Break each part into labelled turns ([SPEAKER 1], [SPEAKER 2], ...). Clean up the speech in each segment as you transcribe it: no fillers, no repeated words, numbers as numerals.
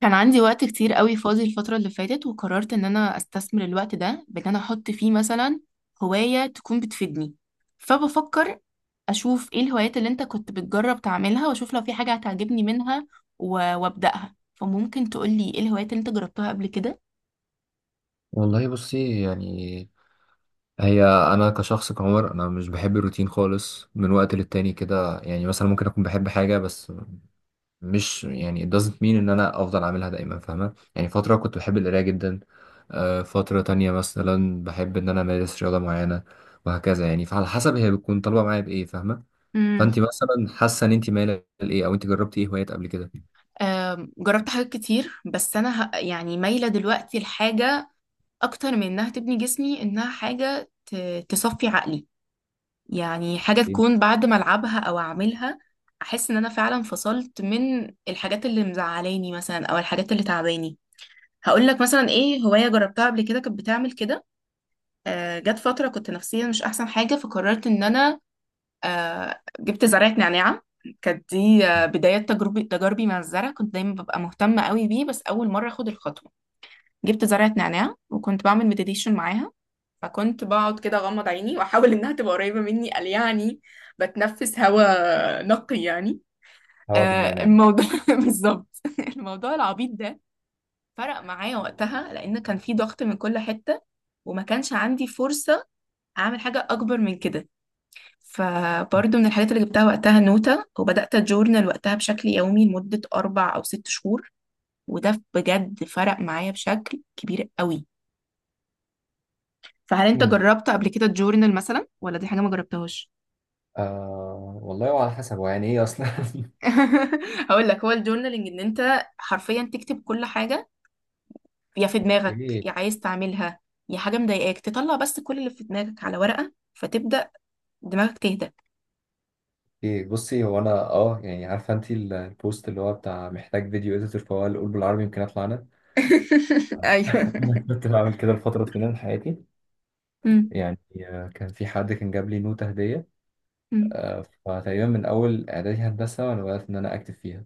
[SPEAKER 1] كان عندي وقت كتير قوي فاضي الفترة اللي فاتت، وقررت ان انا استثمر الوقت ده بان انا احط فيه مثلا هواية تكون بتفيدني. فبفكر اشوف ايه الهوايات اللي انت كنت بتجرب تعملها، واشوف لو في حاجة هتعجبني منها و- وابدأها. فممكن تقولي ايه الهوايات اللي انت جربتها قبل كده؟
[SPEAKER 2] والله بصي. يعني هي انا كشخص كعمر، انا مش بحب الروتين خالص. من وقت للتاني كده، يعني مثلا ممكن اكون بحب حاجه، بس مش يعني it doesn't mean ان انا افضل اعملها دايما، فاهمه يعني. فتره كنت بحب القرايه جدا. فتره تانية مثلا بحب ان انا امارس رياضه معينه، وهكذا يعني. فعلى حسب هي بتكون طالبه معايا بايه، فاهمه؟
[SPEAKER 1] امم.
[SPEAKER 2] فانت مثلا حاسه ان انت مايله لايه، او انت جربتي ايه هوايات قبل كده؟
[SPEAKER 1] جربت حاجات كتير، بس انا يعني مايلة دلوقتي لحاجة اكتر من انها تبني جسمي، انها حاجة تصفي عقلي. يعني حاجة
[SPEAKER 2] إيه؟
[SPEAKER 1] تكون بعد ما ألعبها أو أعملها أحس إن أنا فعلا فصلت من الحاجات اللي مزعلاني مثلا، أو الحاجات اللي تعباني. هقولك مثلا إيه هواية جربتها قبل كده كانت بتعمل كده. جت فترة كنت نفسيا مش أحسن حاجة، فقررت إن أنا جبت زرعة نعناع. كانت دي بداية تجاربي مع الزرع، كنت دايما ببقى مهتمة قوي بيه، بس أول مرة أخد الخطوة جبت زرعة نعناع، وكنت بعمل مديتيشن معاها. فكنت بقعد كده اغمض عيني واحاول انها تبقى قريبه مني، قال يعني بتنفس هواء نقي يعني.
[SPEAKER 2] هوا بالنعناع؟
[SPEAKER 1] الموضوع بالظبط، الموضوع العبيط ده فرق معايا وقتها، لان كان في ضغط من كل حته، وما كانش عندي فرصه اعمل حاجه اكبر من كده. فبرضه من الحاجات اللي جبتها وقتها نوتة، وبدأت أجورنال وقتها بشكل يومي لمدة أربع أو ست شهور، وده بجد فرق معايا بشكل كبير قوي. فهل أنت
[SPEAKER 2] مم.
[SPEAKER 1] جربت قبل كده تجورنال مثلا، ولا دي حاجة ما جربتهاش؟
[SPEAKER 2] آه والله، وعلى حسب هو يعني ايه اصلا.
[SPEAKER 1] هقول لك، هو الجورنالينج ان انت حرفيا تكتب كل حاجه، يا في دماغك
[SPEAKER 2] اوكي.
[SPEAKER 1] يا عايز تعملها، يا حاجه مضايقاك تطلع، بس كل اللي في دماغك على ورقه، فتبدا دماغك تهدى.
[SPEAKER 2] إيه، بصي، هو انا اه يعني عارفه انت البوست اللي هو بتاع محتاج فيديو اديتور؟ فهو اللي قول بالعربي يمكن اطلع انا.
[SPEAKER 1] ايوه.
[SPEAKER 2] انا كنت بعمل كده لفتره طويله من حياتي.
[SPEAKER 1] مم.
[SPEAKER 2] يعني كان في حد كان جاب لي نوتة هديه.
[SPEAKER 1] مم.
[SPEAKER 2] فتقريبا من اول اعدادي هندسه وانا بدات ان انا اكتب فيها،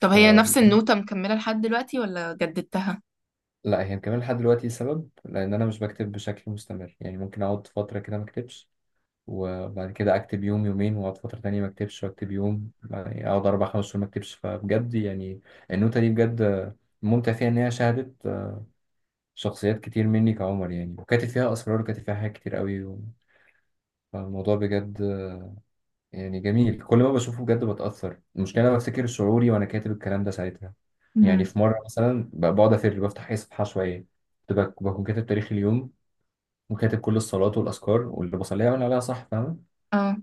[SPEAKER 1] طب هي نفس النوتة مكملة لحد دلوقتي ولا جددتها؟
[SPEAKER 2] هي مكمله لحد دلوقتي. سبب لان انا مش بكتب بشكل مستمر، يعني ممكن اقعد فتره كده ما اكتبش، وبعد كده اكتب يوم يومين، واقعد فتره تانية ما اكتبش، واكتب يوم. يعني اقعد اربع خمس شهور ما اكتبش. فبجد يعني النوتة دي بجد ممتع فيها ان هي شهدت شخصيات كتير مني كعمر يعني. وكاتب فيها اسرار، وكاتب فيها حاجات كتير قوي، و... فالموضوع بجد يعني جميل. كل ما بشوفه بجد بتأثر. المشكلة أنا بفتكر شعوري وأنا كاتب الكلام ده ساعتها. يعني
[SPEAKER 1] مم.
[SPEAKER 2] في مرة مثلا بقعد أفر بفتح أي صفحة شوية، كنت بكون كاتب تاريخ اليوم، وكاتب كل الصلوات والأذكار واللي بصليها وأنا عليها صح، فاهمة؟
[SPEAKER 1] اه.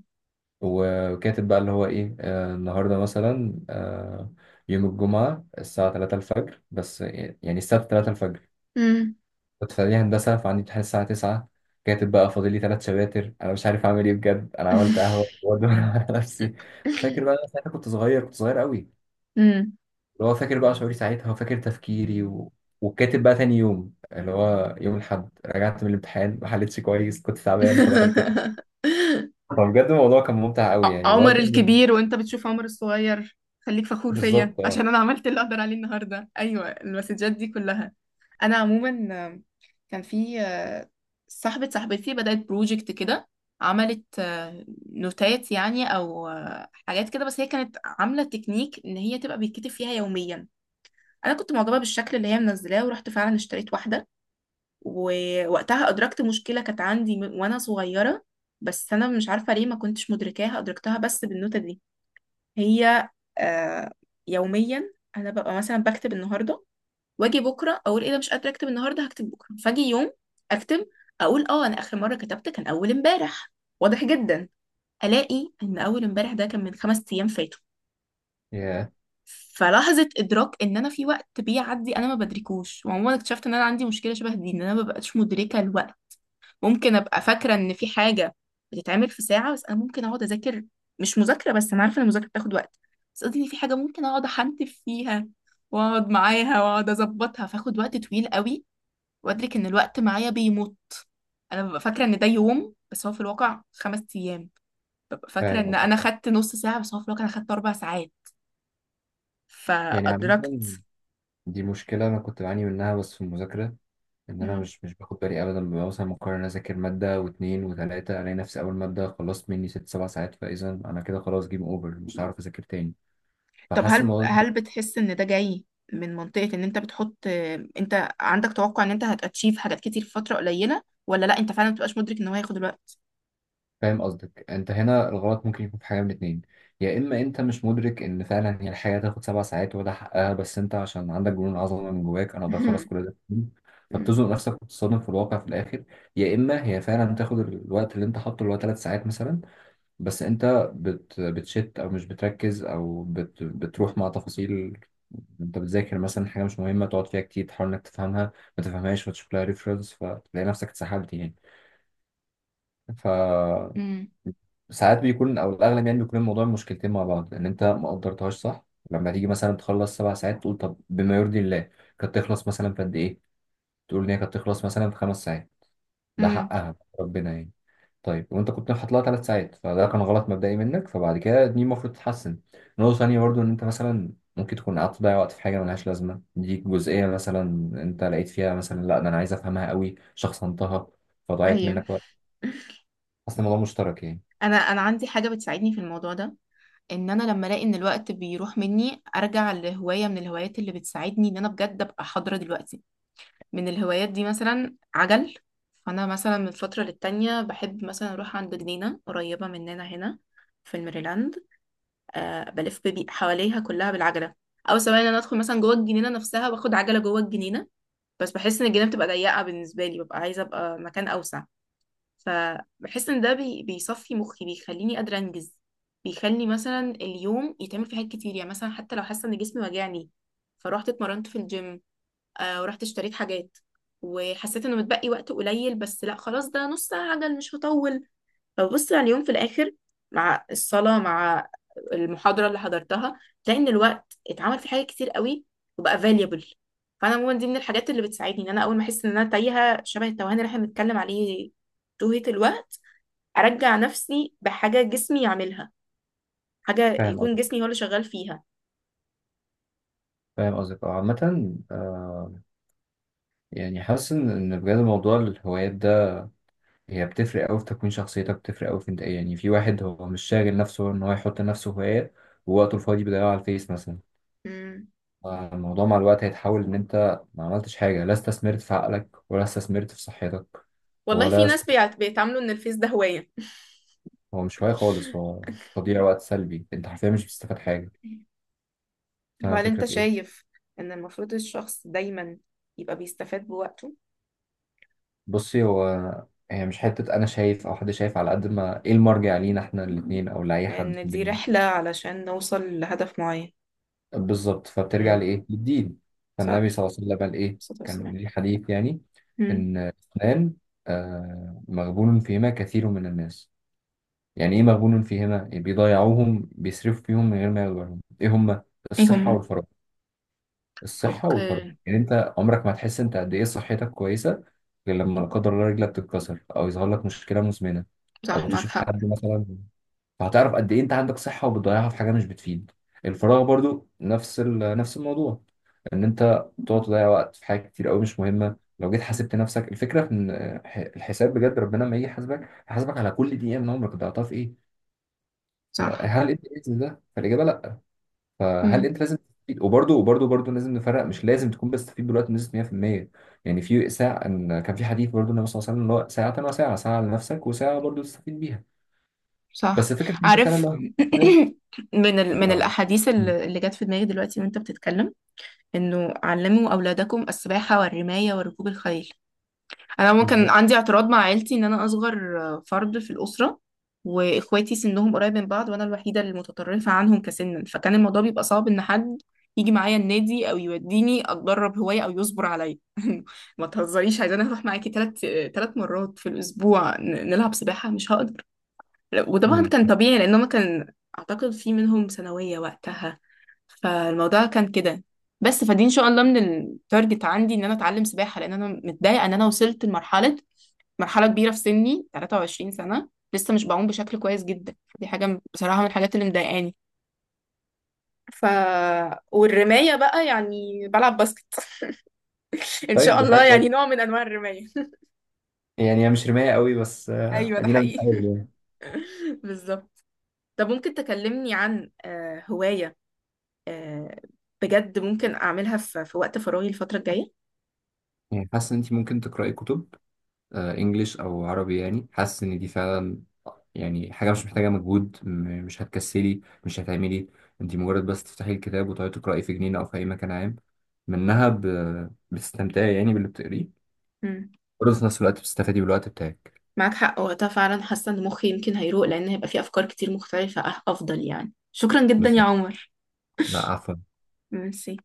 [SPEAKER 2] وكاتب بقى اللي هو ايه، آه، النهارده مثلا، آه، يوم الجمعة الساعة 3 الفجر، بس يعني السبت 3 الفجر.
[SPEAKER 1] مم.
[SPEAKER 2] كنت في إعدادية هندسة فعندي امتحان الساعة 9. كاتب بقى فاضل لي ثلاث شباتر، انا مش عارف اعمل ايه، بجد انا عملت قهوة وادور على نفسي. فاكر بقى أنا ساعتها كنت صغير، كنت صغير قوي.
[SPEAKER 1] مم.
[SPEAKER 2] اللي هو فاكر بقى شعوري ساعتها، وفاكر تفكيري، و... وكاتب بقى تاني يوم اللي هو يوم الأحد، رجعت من الامتحان ما حلتش كويس، كنت تعبان فدخلت. فبجد الموضوع كان ممتع قوي، يعني اللي هو
[SPEAKER 1] عمر
[SPEAKER 2] كان
[SPEAKER 1] الكبير وانت بتشوف عمر الصغير، خليك فخور فيا
[SPEAKER 2] بالظبط اه.
[SPEAKER 1] عشان انا عملت اللي اقدر عليه النهارده، ايوه المسجات دي كلها. انا عموما كان في صاحبتي بدأت بروجكت كده، عملت نوتات يعني، او حاجات كده. بس هي كانت عاملة تكنيك ان هي تبقى بيتكتب فيها يوميا. انا كنت معجبة بالشكل اللي هي منزلاه، ورحت فعلا اشتريت واحدة. ووقتها ادركت مشكلة كانت عندي وانا صغيرة، بس انا مش عارفة ليه ما كنتش مدركاها، ادركتها بس بالنوتة دي. هي آه يوميا انا ببقى مثلا بكتب النهارده، واجي بكره اقول ايه ده مش قادره اكتب النهارده هكتب بكره، فاجي يوم اكتب اقول انا اخر مره كتبت كان اول امبارح، واضح جدا. الاقي ان اول امبارح ده كان من خمس ايام فاتوا.
[SPEAKER 2] Yeah.
[SPEAKER 1] فلحظه ادراك ان انا في وقت بيعدي انا ما بدركوش، وعموما اكتشفت ان انا عندي مشكله شبه دي، ان انا ما ببقاش مدركه الوقت. ممكن ابقى فاكره ان في حاجه بتتعمل في ساعه، بس انا ممكن اقعد اذاكر، مش مذاكره، بس انا عارفه ان المذاكره بتاخد وقت، بس قصدي ان في حاجه ممكن اقعد احنتف فيها، واقعد معاها واقعد اظبطها فاخد وقت طويل قوي، وادرك ان الوقت معايا بيموت. انا ببقى فاكره ان ده يوم بس هو في الواقع خمس ايام. ببقى فاكره
[SPEAKER 2] فاهم
[SPEAKER 1] ان
[SPEAKER 2] قصدك.
[SPEAKER 1] انا خدت نص ساعه، بس هو في الواقع انا خدت اربع ساعات.
[SPEAKER 2] يعني
[SPEAKER 1] فادركت.
[SPEAKER 2] عامة دي مشكلة أنا كنت بعاني منها بس في المذاكرة. إن أنا مش باخد بالي أبدا، ببقى مثلا مقرر أذاكر مادة واتنين وتلاتة، ألاقي نفسي أول مادة خلصت مني ست سبع ساعات. فإذا أنا كده خلاص جيم أوفر، مش هعرف أذاكر تاني.
[SPEAKER 1] طب
[SPEAKER 2] فحاسس الموضوع ده-
[SPEAKER 1] هل بتحس ان ده جاي من منطقة ان انت بتحط، انت عندك توقع ان انت هتاتشيف حاجات كتير في فترة قليلة، ولا لا انت فعلا مبتبقاش مدرك ان هو هياخد الوقت؟
[SPEAKER 2] فاهم قصدك. أنت هنا الغلط ممكن يكون في حاجة من اتنين. يا إما أنت مش مدرك إن فعلا هي الحياة تاخد سبع ساعات وده حقها، بس أنت عشان عندك جنون عظمة من جواك، أنا أقدر أخلص كل ده في يوم،
[SPEAKER 1] مم.
[SPEAKER 2] فبتزنق نفسك وتتصدم في الواقع في الآخر. يا إما هي فعلا بتاخد الوقت اللي أنت حاطه اللي هو تلات ساعات مثلا، بس انت بتشت او مش بتركز، او بتروح مع تفاصيل. انت بتذاكر مثلا حاجه مش مهمه، تقعد فيها كتير تحاول انك تفهمها، ما تفهمهاش فتشوف لها ريفرنس، فتلاقي نفسك اتسحلت يعني. ف
[SPEAKER 1] امم.
[SPEAKER 2] ساعات بيكون، او الاغلب يعني بيكون الموضوع مشكلتين مع بعض. ان انت ما قدرتهاش صح، لما تيجي مثلا تخلص سبع ساعات، تقول طب بما يرضي الله كانت تخلص مثلا في قد ايه؟ تقول ان هي كانت تخلص مثلا في خمس ساعات، ده
[SPEAKER 1] امم.
[SPEAKER 2] حقها ربنا يعني. طيب وانت كنت حاطط لها ثلاث ساعات، فده كان غلط مبدئي منك، فبعد كده دي المفروض تتحسن. نقطة تانية برضو ان انت مثلا ممكن تكون قعدت تضيع وقت في حاجة ملهاش لازمة. دي جزئية مثلا انت لقيت فيها مثلا، لا ده انا عايز افهمها قوي، شخصنتها، فضيعت
[SPEAKER 1] ايوه.
[SPEAKER 2] منك وقت. اصل الموضوع مشترك يعني.
[SPEAKER 1] انا عندي حاجة بتساعدني في الموضوع ده، ان انا لما الاقي ان الوقت بيروح مني ارجع لهواية من الهوايات اللي بتساعدني ان انا بجد ابقى حاضرة دلوقتي. من الهوايات دي مثلا عجل. فانا مثلا من فترة للتانية بحب مثلا اروح عند جنينة قريبة مننا هنا في الميريلاند، بلف حواليها كلها بالعجله، او سواء ان انا ادخل مثلا جوه الجنينه نفسها واخد عجله جوه الجنينه. بس بحس ان الجنينه بتبقى ضيقه بالنسبه لي، ببقى عايزه ابقى مكان اوسع. فبحس ان ده بيصفي مخي، بيخليني قادره انجز، بيخلي مثلا اليوم يتعمل فيه حاجات كتير. يعني مثلا حتى لو حاسه ان جسمي وجعني فروحت اتمرنت في الجيم، ورحت اشتريت حاجات، وحسيت انه متبقي وقت قليل، بس لا خلاص ده نص ساعه عجل مش هطول. فببص على اليوم في الآخر مع الصلاة، مع المحاضرة اللي حضرتها، تلاقي إن الوقت اتعمل فيه حاجات كتير قوي، وبقى valuable. فأنا عموما دي من الحاجات اللي بتساعدني إن أنا أول ما أحس إن أنا تايهة شبه التوهان اللي إحنا بنتكلم عليه، توهة الوقت، أرجع نفسي بحاجة جسمي يعملها، حاجة
[SPEAKER 2] فاهم
[SPEAKER 1] يكون
[SPEAKER 2] قصدك،
[SPEAKER 1] جسمي هو اللي شغال فيها.
[SPEAKER 2] فاهم قصدك اه. عامة آه، يعني حاسس ان إن بجد موضوع الهوايات ده هي بتفرق قوي في تكوين شخصيتك، بتفرق قوي في انت ايه يعني. في واحد هو مش شاغل نفسه ان هو يحط لنفسه هوايات، ووقته الفاضي بيضيعه على الفيس مثلا.
[SPEAKER 1] مم.
[SPEAKER 2] الموضوع مع الوقت هيتحول ان انت ما عملتش حاجه، لا استثمرت في عقلك ولا استثمرت في صحتك.
[SPEAKER 1] والله في
[SPEAKER 2] ولا است...
[SPEAKER 1] ناس بيتعاملوا إن الفيس ده هواية.
[SPEAKER 2] هو مش هواية خالص، هو تضييع وقت سلبي. انت حرفيا مش بتستفاد حاجه. فاهم
[SPEAKER 1] وهل
[SPEAKER 2] الفكره
[SPEAKER 1] أنت
[SPEAKER 2] في ايه؟
[SPEAKER 1] شايف إن المفروض الشخص دايما يبقى بيستفاد بوقته؟
[SPEAKER 2] بصي هو هي مش حته انا شايف او حد شايف، على قد ما ايه المرجع لينا احنا الاثنين او لاي حد في
[SPEAKER 1] لأن دي
[SPEAKER 2] الدنيا.
[SPEAKER 1] رحلة علشان نوصل لهدف معين.
[SPEAKER 2] بالظبط. فبترجع
[SPEAKER 1] امم.
[SPEAKER 2] لايه؟ للدين.
[SPEAKER 1] صح،
[SPEAKER 2] فالنبي صلى الله عليه وسلم قال ايه؟
[SPEAKER 1] الصلاة
[SPEAKER 2] كان
[SPEAKER 1] والسلام.
[SPEAKER 2] ليه حديث يعني.
[SPEAKER 1] امم.
[SPEAKER 2] ان اثنان، آه، مغبون فيهما كثير من الناس. يعني إيه مغبون فيه هنا؟ إيه بيضيعوهم بيصرفوا فيهم من غير ما ياخدوا بالهم إيه هما؟
[SPEAKER 1] ايه
[SPEAKER 2] الصحة
[SPEAKER 1] هما؟
[SPEAKER 2] والفراغ. الصحة والفراغ،
[SPEAKER 1] اوكي.
[SPEAKER 2] يعني أنت عمرك ما هتحس أنت قد إيه صحتك كويسة، غير لما لا قدر الله رجلك تتكسر أو يظهر لك مشكلة مزمنة، أو
[SPEAKER 1] صح، معك
[SPEAKER 2] تشوف
[SPEAKER 1] حق.
[SPEAKER 2] حد مثلا. فهتعرف قد إيه أنت عندك صحة وبتضيعها في حاجة مش بتفيد. الفراغ برضو نفس نفس الموضوع. إن أنت تقعد تضيع وقت في حاجات كتير أوي مش مهمة. لو جيت حاسبت نفسك، الفكرة في إن الحساب بجد ربنا لما يجي يحاسبك، هيحاسبك على كل دقيقة من عمرك ضيعتها في إيه.
[SPEAKER 1] صح.
[SPEAKER 2] فهل انت باذن ده؟ فالاجابه لا. فهل
[SPEAKER 1] امم.
[SPEAKER 2] انت لازم تستفيد؟ وبرده وبرده برده لازم نفرق. مش لازم تكون بتستفيد بالوقت بنسبه 100%. يعني في ساعه، ان كان في حديث برده النبي صلى الله عليه وسلم اللي هو ساعه وساعه، ساعه لنفسك وساعه برده تستفيد بيها.
[SPEAKER 1] صح.
[SPEAKER 2] بس فكره انت فعلا
[SPEAKER 1] عارف.
[SPEAKER 2] لو هتستفاد.
[SPEAKER 1] من
[SPEAKER 2] لو
[SPEAKER 1] الأحاديث
[SPEAKER 2] مم.
[SPEAKER 1] اللي جت في دماغي دلوقتي وانت بتتكلم، انه علموا أولادكم السباحة والرماية وركوب الخيل. انا ممكن
[SPEAKER 2] بالظبط.
[SPEAKER 1] عندي اعتراض مع عيلتي، ان انا اصغر فرد في الاسره، واخواتي سنهم قريب من بعض وانا الوحيده المتطرفه عنهم كسنا، فكان الموضوع بيبقى صعب ان حد يجي معايا النادي او يوديني اتدرب هوايه او يصبر عليا. ما تهزريش، عايزه اروح معاكي ثلاث مرات في الاسبوع نلعب سباحه مش هقدر. وطبعا
[SPEAKER 2] مم.
[SPEAKER 1] كان طبيعي لان هما كان اعتقد في منهم ثانويه وقتها، فالموضوع كان كده. بس فدي ان شاء الله من التارجت عندي ان انا اتعلم سباحه، لان انا متضايقه ان انا وصلت مرحلة كبيرة في سني 23 سنة لسه مش بعوم بشكل كويس جدا. دي حاجة بصراحة من الحاجات اللي مضايقاني. ف والرماية بقى يعني بلعب باسكت، ان
[SPEAKER 2] طيب
[SPEAKER 1] شاء
[SPEAKER 2] دي
[SPEAKER 1] الله
[SPEAKER 2] حاجه
[SPEAKER 1] يعني
[SPEAKER 2] كويسه.
[SPEAKER 1] نوع من انواع الرماية.
[SPEAKER 2] يعني هي مش رمايه قوي، بس آه،
[SPEAKER 1] ايوه ده
[SPEAKER 2] ادينا بنحاول
[SPEAKER 1] حقيقي.
[SPEAKER 2] يعني.
[SPEAKER 1] بالظبط. طب ممكن تكلمني عن هواية آه، بجد ممكن اعملها في وقت فراغي الفترة الجاية.
[SPEAKER 2] يعني حاسه ان انت ممكن تقراي كتب، آه، انجليش او عربي. يعني حاسس ان دي فعلا، يعني حاجه مش محتاجه مجهود، مش هتكسلي مش هتعملي. انت مجرد بس تفتحي الكتاب وتقعدي تقراي في جنينه او في اي مكان. عام منها بتستمتعي يعني باللي بتقريه،
[SPEAKER 1] مم.
[SPEAKER 2] برضه في نفس الوقت بتستفادي بالوقت بتاعك.
[SPEAKER 1] معاك حق، وقتها فعلا حاسة ان مخي يمكن هيروق لان هيبقى فيه افكار كتير مختلفة افضل يعني. شكرا جدا يا
[SPEAKER 2] بالظبط.
[SPEAKER 1] عمر.
[SPEAKER 2] لا عفوا.
[SPEAKER 1] ميرسي.